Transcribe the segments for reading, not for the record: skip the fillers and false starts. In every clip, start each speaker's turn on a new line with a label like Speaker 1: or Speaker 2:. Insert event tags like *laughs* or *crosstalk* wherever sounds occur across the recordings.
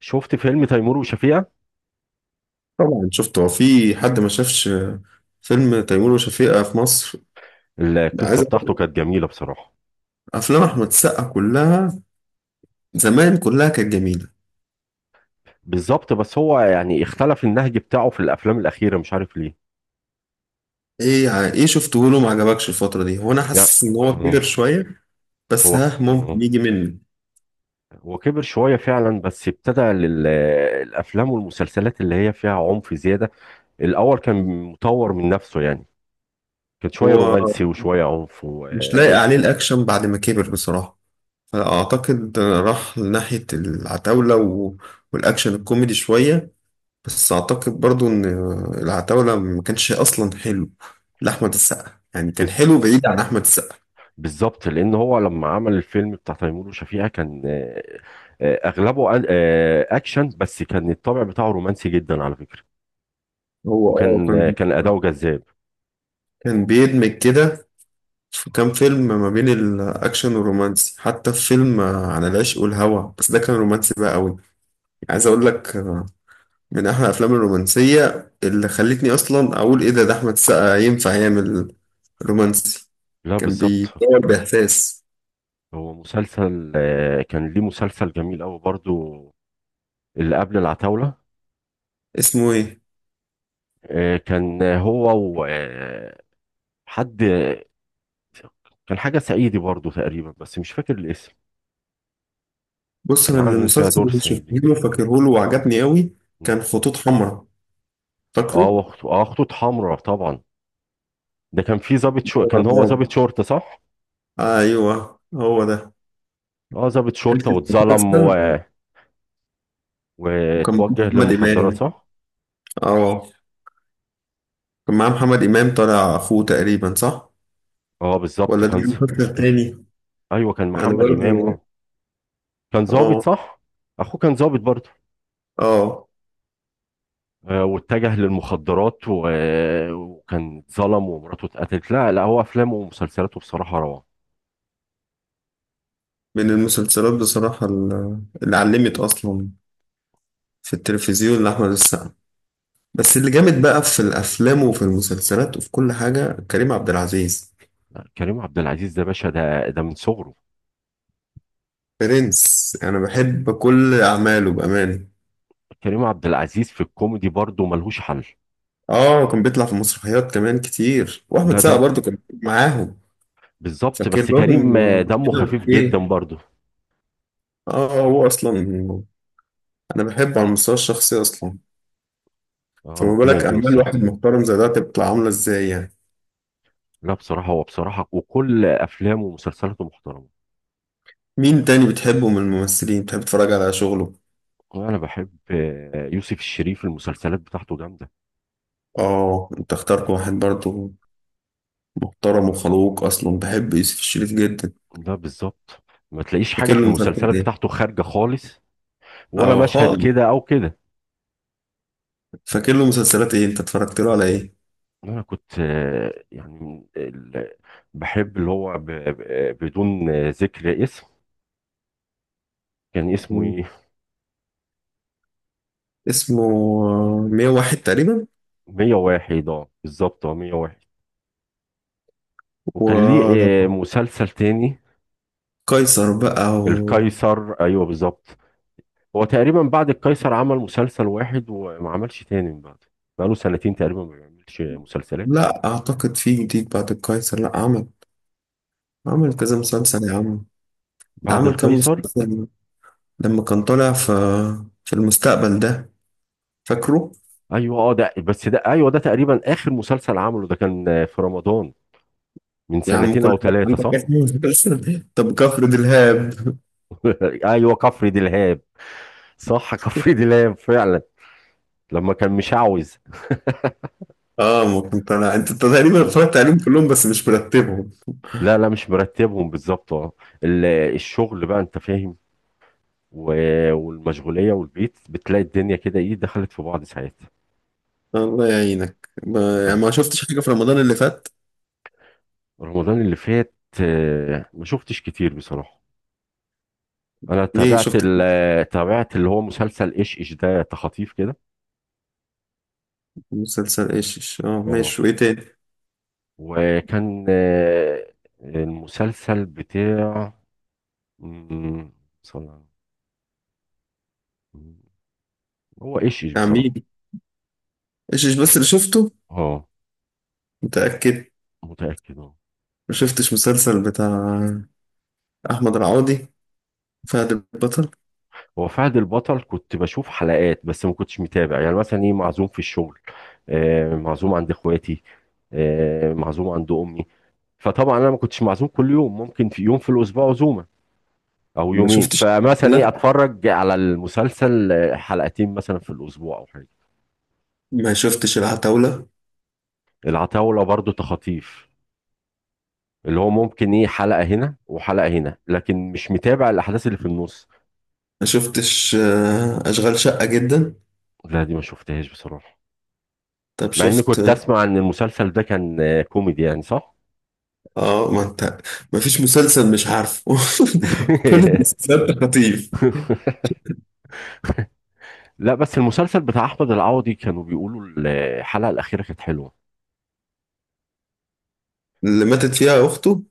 Speaker 1: شفت فيلم تيمور وشفيقة.
Speaker 2: طبعا شفته. هو في حد ما شافش فيلم تيمور وشفيقة في مصر.
Speaker 1: القصة
Speaker 2: عايز أقول
Speaker 1: بتاعته كانت
Speaker 2: لك،
Speaker 1: جميلة بصراحة.
Speaker 2: افلام احمد السقا كلها زمان كلها كانت جميله.
Speaker 1: بالظبط، بس هو يعني اختلف النهج بتاعه في الأفلام الأخيرة، مش عارف ليه.
Speaker 2: ايه شفته له ما عجبكش الفتره دي. هو انا
Speaker 1: يعني
Speaker 2: حاسس ان هو كبر
Speaker 1: اه.
Speaker 2: شويه بس
Speaker 1: هو ك-
Speaker 2: ها ممكن
Speaker 1: اه
Speaker 2: يجي مني.
Speaker 1: هو كبر شوية فعلا، بس ابتدى الأفلام والمسلسلات اللي هي فيها عنف زيادة. الأول كان مطور من نفسه يعني، كان شوية
Speaker 2: هو
Speaker 1: رومانسي وشوية عنف.
Speaker 2: مش لايق عليه الاكشن بعد ما كبر بصراحه. فاعتقد راح لناحيه العتاوله و- والاكشن الكوميدي شويه. بس اعتقد برضو ان العتاوله ما كانش اصلا حلو لاحمد السقا. يعني كان
Speaker 1: بز-
Speaker 2: حلو بعيد عن احمد السقا.
Speaker 1: بالظبط، لأن هو لما عمل الفيلم بتاع تيمور وشفيقة كان أغلبه أكشن، بس كان الطابع بتاعه رومانسي جدا على فكرة.
Speaker 2: هو اه
Speaker 1: وكان
Speaker 2: كان
Speaker 1: كان أداؤه جذاب.
Speaker 2: كان بيدمج كده في كام فيلم ما بين الاكشن والرومانسي. حتى في فيلم عن العشق والهوى بس ده كان رومانسي بقى قوي. عايز اقول لك من احلى الافلام الرومانسيه اللي خلتني اصلا اقول ايه ده احمد السقا ينفع يعمل رومانسي.
Speaker 1: لا
Speaker 2: كان
Speaker 1: بالظبط.
Speaker 2: بيصور باحساس.
Speaker 1: هو مسلسل، كان ليه مسلسل جميل أوي برضو اللي قبل العتاولة.
Speaker 2: اسمه ايه؟
Speaker 1: كان هو وحد، كان حاجة صعيدي برضو تقريبا، بس مش فاكر الاسم.
Speaker 2: بص
Speaker 1: كان
Speaker 2: انا
Speaker 1: عامل فيها
Speaker 2: المسلسل
Speaker 1: دور
Speaker 2: اللي شفته
Speaker 1: صعيدي.
Speaker 2: له فاكره له وعجبني قوي.
Speaker 1: مم.
Speaker 2: كان خطوط حمراء
Speaker 1: اه،
Speaker 2: فاكره.
Speaker 1: وخطو اه خطوط حمراء طبعا. ده كان في ضابط، كان هو
Speaker 2: طبعاً.
Speaker 1: ضابط شرطة، صح؟
Speaker 2: ايوه هو ده.
Speaker 1: اه، ضابط
Speaker 2: حته.
Speaker 1: شرطة واتظلم
Speaker 2: وكان
Speaker 1: واتوجه
Speaker 2: محمد
Speaker 1: للمخدرات،
Speaker 2: إمام.
Speaker 1: صح؟
Speaker 2: اه كان معاه محمد إمام طالع أخوه تقريبا صح؟
Speaker 1: اه بالظبط.
Speaker 2: ولا ده المسلسل التاني؟
Speaker 1: *laughs* ايوه كان
Speaker 2: أنا
Speaker 1: محمد إمام
Speaker 2: برضه.
Speaker 1: اه. كان ظابط
Speaker 2: اه
Speaker 1: صح. اخوه كان ظابط برضه.
Speaker 2: اه
Speaker 1: واتجه للمخدرات، و... آه، وكان اتظلم ومراته اتقتلت. لا لا، هو افلامه ومسلسلاته بصراحه روعه.
Speaker 2: من المسلسلات بصراحة اللي علمت أصلا في التلفزيون لأحمد السقا. بس اللي جامد بقى في الأفلام وفي المسلسلات وفي كل حاجة كريم عبد العزيز.
Speaker 1: لا، كريم عبد العزيز ده باشا، ده من صغره.
Speaker 2: برنس. أنا بحب كل أعماله بأمان.
Speaker 1: كريم عبد العزيز في الكوميدي برضه ملهوش حل.
Speaker 2: اه كان بيطلع في مسرحيات كمان كتير وأحمد
Speaker 1: لا،
Speaker 2: سقا برضه كان معاهم.
Speaker 1: بالظبط،
Speaker 2: فاكر
Speaker 1: بس كريم،
Speaker 2: لهم
Speaker 1: دمه
Speaker 2: كده
Speaker 1: خفيف جدا
Speaker 2: إيه.
Speaker 1: برضه.
Speaker 2: اه هو اصلا انا بحبه على المستوى الشخصي اصلا. فما بالك
Speaker 1: ربنا يديله
Speaker 2: اعمال واحد
Speaker 1: الصحه.
Speaker 2: محترم زي ده تبقى عامله ازاي يعني.
Speaker 1: لا بصراحه، هو بصراحه وكل افلامه ومسلسلاته محترمه.
Speaker 2: مين تاني بتحبه من الممثلين بتحب تتفرج على شغله؟
Speaker 1: انا بحب يوسف الشريف، المسلسلات بتاعته جامده.
Speaker 2: اه انت اخترت واحد برضه محترم وخلوق اصلا. بحب يوسف الشريف جدا.
Speaker 1: ده بالظبط، ما تلاقيش حاجة
Speaker 2: فاكر
Speaker 1: في
Speaker 2: له مسلسلات
Speaker 1: المسلسلات
Speaker 2: ايه.
Speaker 1: بتاعته خارجة خالص، ولا
Speaker 2: اه
Speaker 1: مشهد
Speaker 2: خالص.
Speaker 1: كده أو كده.
Speaker 2: فاكر له مسلسلات ايه انت اتفرجت له على ايه؟
Speaker 1: أنا كنت يعني بحب اللي هو بدون ذكر اسم. كان اسمه
Speaker 2: مم.
Speaker 1: إيه؟
Speaker 2: اسمه 101 تقريبا.
Speaker 1: 101، اه بالظبط، اه 101. وكان ليه
Speaker 2: وقيصر
Speaker 1: مسلسل تاني،
Speaker 2: بقى
Speaker 1: القيصر، أيوه بالظبط. هو تقريبا بعد القيصر عمل مسلسل واحد وما عملش تاني من بعده، بقاله سنتين تقريبا ما بيعملش مسلسلات.
Speaker 2: لا اعتقد في جديد بعد القيصر. لا عمل. عمل
Speaker 1: آه،
Speaker 2: كذا مسلسل يا عم. ده
Speaker 1: بعد
Speaker 2: عمل كام
Speaker 1: القيصر.
Speaker 2: مسلسل لما كان طالع في المستقبل ده فاكره.
Speaker 1: ايوه اه، ده بس ده، ايوه ده تقريبا اخر مسلسل عمله، ده كان في رمضان من
Speaker 2: يا عم
Speaker 1: سنتين
Speaker 2: كل
Speaker 1: او
Speaker 2: ما كان
Speaker 1: ثلاثه،
Speaker 2: عندك
Speaker 1: صح؟
Speaker 2: اسم مسلسل *laughs* طب كفر دلهاب.
Speaker 1: *laughs* ايوه كفر دلهاب. صح *laughs* كفر دلهاب فعلا، لما كان مشعوذ.
Speaker 2: اه ما كنت طالع انت تقريبا
Speaker 1: آه.
Speaker 2: اتفرجت عليهم كلهم بس مش مرتبهم.
Speaker 1: لا لا، مش مرتبهم بالظبط اه. ال- الشغل بقى، انت فاهم، والمشغوليه والبيت، بتلاقي الدنيا كده ايه دخلت في بعض ساعات.
Speaker 2: الله يعينك ما... يعني
Speaker 1: والله
Speaker 2: ما شفتش حاجه في رمضان اللي فات.
Speaker 1: رمضان اللي فات، ما شفتش كتير بصراحه. انا
Speaker 2: ليه
Speaker 1: تابعت،
Speaker 2: شفت
Speaker 1: تابعت اللي هو مسلسل ايش ايش ده، تخاطيف كده.
Speaker 2: مسلسل ايشش. اه ماشي
Speaker 1: اه،
Speaker 2: وايه تاني؟
Speaker 1: وكان المسلسل بتاع، مم، صلى- مم، هو ايش ايش بصراحة.
Speaker 2: عميل ايشش بس اللي شفته
Speaker 1: اه
Speaker 2: متاكد.
Speaker 1: متأكد اه.
Speaker 2: ما شفتش مسلسل بتاع احمد العوضي فهد البطل.
Speaker 1: هو فهد البطل كنت بشوف حلقات، بس ما كنتش متابع. يعني مثلا ايه، معزوم في الشغل، معزوم عند اخواتي، معزوم عند امي. فطبعا انا ما كنتش معزوم كل يوم، ممكن في يوم في الاسبوع عزومة او
Speaker 2: ما
Speaker 1: يومين.
Speaker 2: شفتش
Speaker 1: فمثلا ايه
Speaker 2: العتاولة.
Speaker 1: اتفرج على المسلسل حلقتين مثلا في الاسبوع او حاجة.
Speaker 2: ما شفتش العتاولة.
Speaker 1: العتاولة برضو تخاطيف، اللي هو ممكن ايه حلقة هنا وحلقة هنا، لكن مش متابع الأحداث اللي في النص.
Speaker 2: ما شفتش اشغال شقة جدا.
Speaker 1: لا دي ما شفتهاش بصراحة،
Speaker 2: طب
Speaker 1: مع اني
Speaker 2: شفت
Speaker 1: كنت اسمع ان المسلسل ده كان كوميدي يعني، صح؟
Speaker 2: اه ما انت ما فيش مسلسل مش عارفه *laughs* كل
Speaker 1: *laughs*
Speaker 2: المسلسلات خطيف.
Speaker 1: لا، بس المسلسل بتاع احمد العوضي كانوا بيقولوا الحلقة الأخيرة كانت حلوة.
Speaker 2: اللي ماتت فيها اخته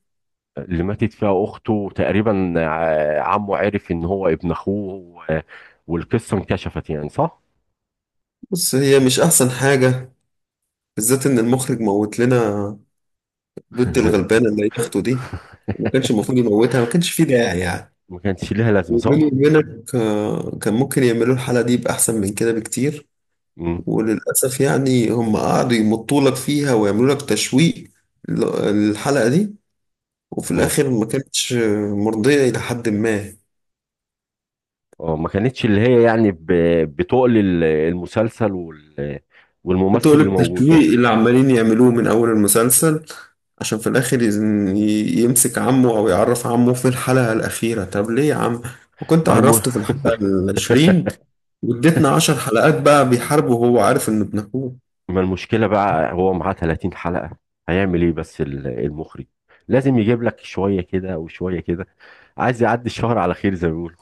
Speaker 1: اللي ماتت فيها أخته تقريبا، عمه عرف ان هو ابن اخوه، والقصة انكشفت يعني، صح؟
Speaker 2: بس هي مش احسن حاجة. بالذات ان المخرج موت لنا بنت
Speaker 1: *laughs*
Speaker 2: الغلبانة اللي هي اخته دي. ما كانش المفروض يموتها. ما كانش فيه داعي يعني.
Speaker 1: ما كانش ليها لازمة،
Speaker 2: وبيني
Speaker 1: صح؟
Speaker 2: وبينك كان ممكن يعملوا الحلقة دي بأحسن من كده بكتير.
Speaker 1: مم.
Speaker 2: وللأسف يعني هم قعدوا يمطوا لك فيها ويعملوا لك تشويق الحلقة دي. وفي
Speaker 1: مم.
Speaker 2: الآخر ما كانتش مرضية إلى حد ما.
Speaker 1: اه، ما كانتش اللي هي يعني بتقل المسلسل والممثل اللي
Speaker 2: بتقلب
Speaker 1: موجود يعني.
Speaker 2: تشويق اللي عمالين يعملوه من أول المسلسل عشان في الآخر يمسك عمه أو يعرف عمه في الحلقة الأخيرة. طب ليه يا عم وكنت
Speaker 1: ما الم...
Speaker 2: عرفته في الحلقة العشرين؟ واديتنا عشر حلقات بقى بيحاربه وهو عارف إنه ابن أخوه.
Speaker 1: ما المشكلة بقى، هو معاه 30 حلقة. هيعمل ايه بس المخرج لازم يجيب لك شوية كده وشوية كده، عايز يعدي الشهر على خير زي ما بيقولوا.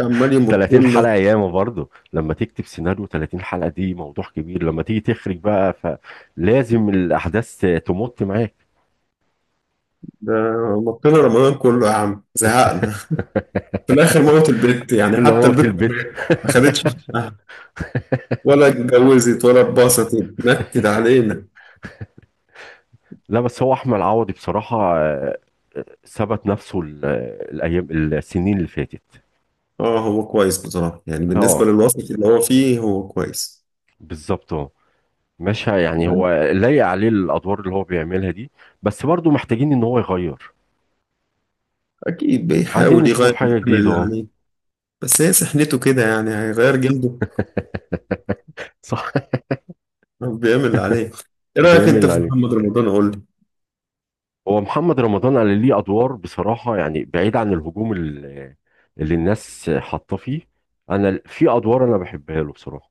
Speaker 2: عمال يمط
Speaker 1: 30
Speaker 2: لنا.
Speaker 1: حلقة ياما برضه، لما تكتب سيناريو 30 حلقة دي موضوع كبير، لما تيجي تخرج بقى فلازم الأحداث تمط معاك.
Speaker 2: ده مط لنا رمضان كله يا عم زهقنا. في الآخر موت البت.
Speaker 1: *laughs*
Speaker 2: يعني
Speaker 1: الا
Speaker 2: حتى
Speaker 1: موت
Speaker 2: البت
Speaker 1: البيت
Speaker 2: ما خدتش
Speaker 1: *laughs*
Speaker 2: حقها. ولا اتجوزت ولا اتبسطت. نكد علينا.
Speaker 1: لا بس هو احمد عوضي بصراحه ثبت نفسه، الايام السنين اللي فاتت.
Speaker 2: اه هو كويس بصراحة يعني بالنسبة
Speaker 1: اه
Speaker 2: للوسط اللي هو فيه هو كويس.
Speaker 1: بالظبط اه. مش ه- يعني هو لايق عليه الادوار اللي هو بيعملها دي، بس برضه محتاجين ان هو يغير.
Speaker 2: أكيد
Speaker 1: عايزين
Speaker 2: بيحاول
Speaker 1: نشوفه في
Speaker 2: يغير
Speaker 1: حاجه
Speaker 2: بيعمل
Speaker 1: جديده
Speaker 2: اللي
Speaker 1: اه.
Speaker 2: عليه. بس هي سحنته كده يعني هيغير جلده.
Speaker 1: صح *laughs*
Speaker 2: بيعمل اللي عليه. إيه رأيك
Speaker 1: بيعمل
Speaker 2: أنت
Speaker 1: اللي
Speaker 2: في
Speaker 1: عليه.
Speaker 2: محمد رمضان؟ قول لي.
Speaker 1: هو محمد رمضان قال ليه ادوار بصراحه، يعني بعيد عن الهجوم اللي الناس حاطه فيه. انا في ادوار انا بحبها له بصراحه،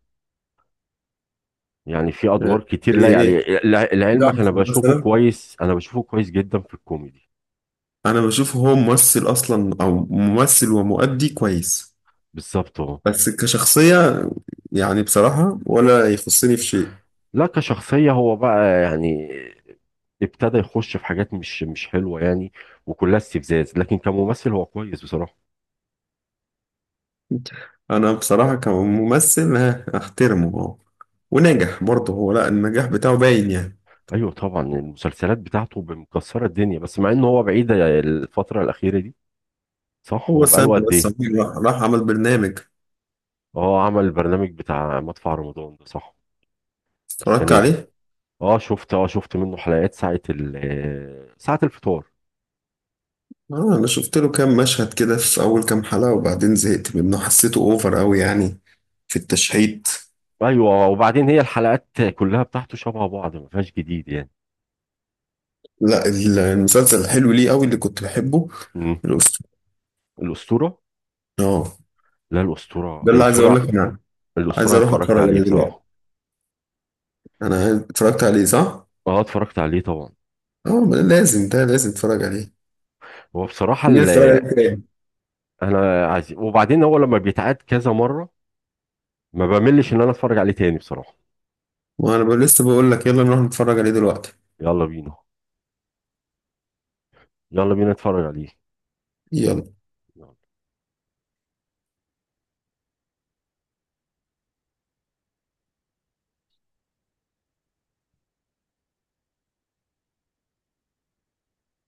Speaker 1: يعني في
Speaker 2: آه،
Speaker 1: ادوار كتير
Speaker 2: يعني
Speaker 1: لايق
Speaker 2: إيه
Speaker 1: عليه.
Speaker 2: ده
Speaker 1: لعلمك انا بشوفه
Speaker 2: مثلا؟
Speaker 1: كويس، انا بشوفه كويس جدا في الكوميدي.
Speaker 2: أنا بشوفه هو ممثل أصلا أو ممثل ومؤدي كويس.
Speaker 1: بالظبط اه.
Speaker 2: بس كشخصية يعني بصراحة ولا يخصني في شيء.
Speaker 1: لا كشخصية هو بقى يعني ابتدى يخش في حاجات مش حلوة يعني، وكلها استفزاز، لكن كممثل هو كويس بصراحة.
Speaker 2: أنا بصراحة كممثل أحترمه ونجح برضه هو. لا النجاح بتاعه باين يعني.
Speaker 1: ايوه طبعا، المسلسلات بتاعته مكسرة الدنيا، بس مع انه هو بعيد الفترة الأخيرة دي. صح،
Speaker 2: هو
Speaker 1: هو
Speaker 2: سامي
Speaker 1: بقاله قد
Speaker 2: بس
Speaker 1: ايه؟
Speaker 2: عميل راح عمل برنامج.
Speaker 1: اه عمل البرنامج بتاع مدفع رمضان ده صح،
Speaker 2: اتفرجت
Speaker 1: السنة دي.
Speaker 2: عليه.
Speaker 1: شفت منه حلقات، ساعة ال آه، ساعة الفطار.
Speaker 2: انا شفت له كام مشهد كده في اول كام حلقة وبعدين زهقت منه حسيته اوفر قوي يعني في التشحيت.
Speaker 1: ايوه وبعدين هي الحلقات كلها بتاعته شبه بعض، ما فيهاش جديد يعني.
Speaker 2: لا المسلسل الحلو ليه قوي اللي كنت بحبه.
Speaker 1: امم.
Speaker 2: الاسطورة.
Speaker 1: الأسطورة.
Speaker 2: اه
Speaker 1: لا، الأسطورة
Speaker 2: ده اللي عايز اقول
Speaker 1: الأسطورة.
Speaker 2: لك انا.
Speaker 1: الأسطورة
Speaker 2: عايز
Speaker 1: أنا
Speaker 2: اروح
Speaker 1: اتفرجت
Speaker 2: اتفرج
Speaker 1: عليه
Speaker 2: عليه دلوقتي.
Speaker 1: بصراحة.
Speaker 2: انا اتفرجت عليه صح؟
Speaker 1: اه اتفرجت عليه طبعا.
Speaker 2: اه ما ده لازم. ده لازم اتفرج عليه.
Speaker 1: هو بصراحة
Speaker 2: نيجي
Speaker 1: اللي
Speaker 2: نتفرج عليه تاني.
Speaker 1: أنا عايز، وبعدين هو لما بيتعاد كذا مرة ما بملش إن أنا أتفرج عليه تاني بصراحة.
Speaker 2: وانا لسه بقول لك يلا نروح نتفرج عليه دلوقتي.
Speaker 1: يلا بينا، يلا بينا نتفرج عليه.
Speaker 2: يلا.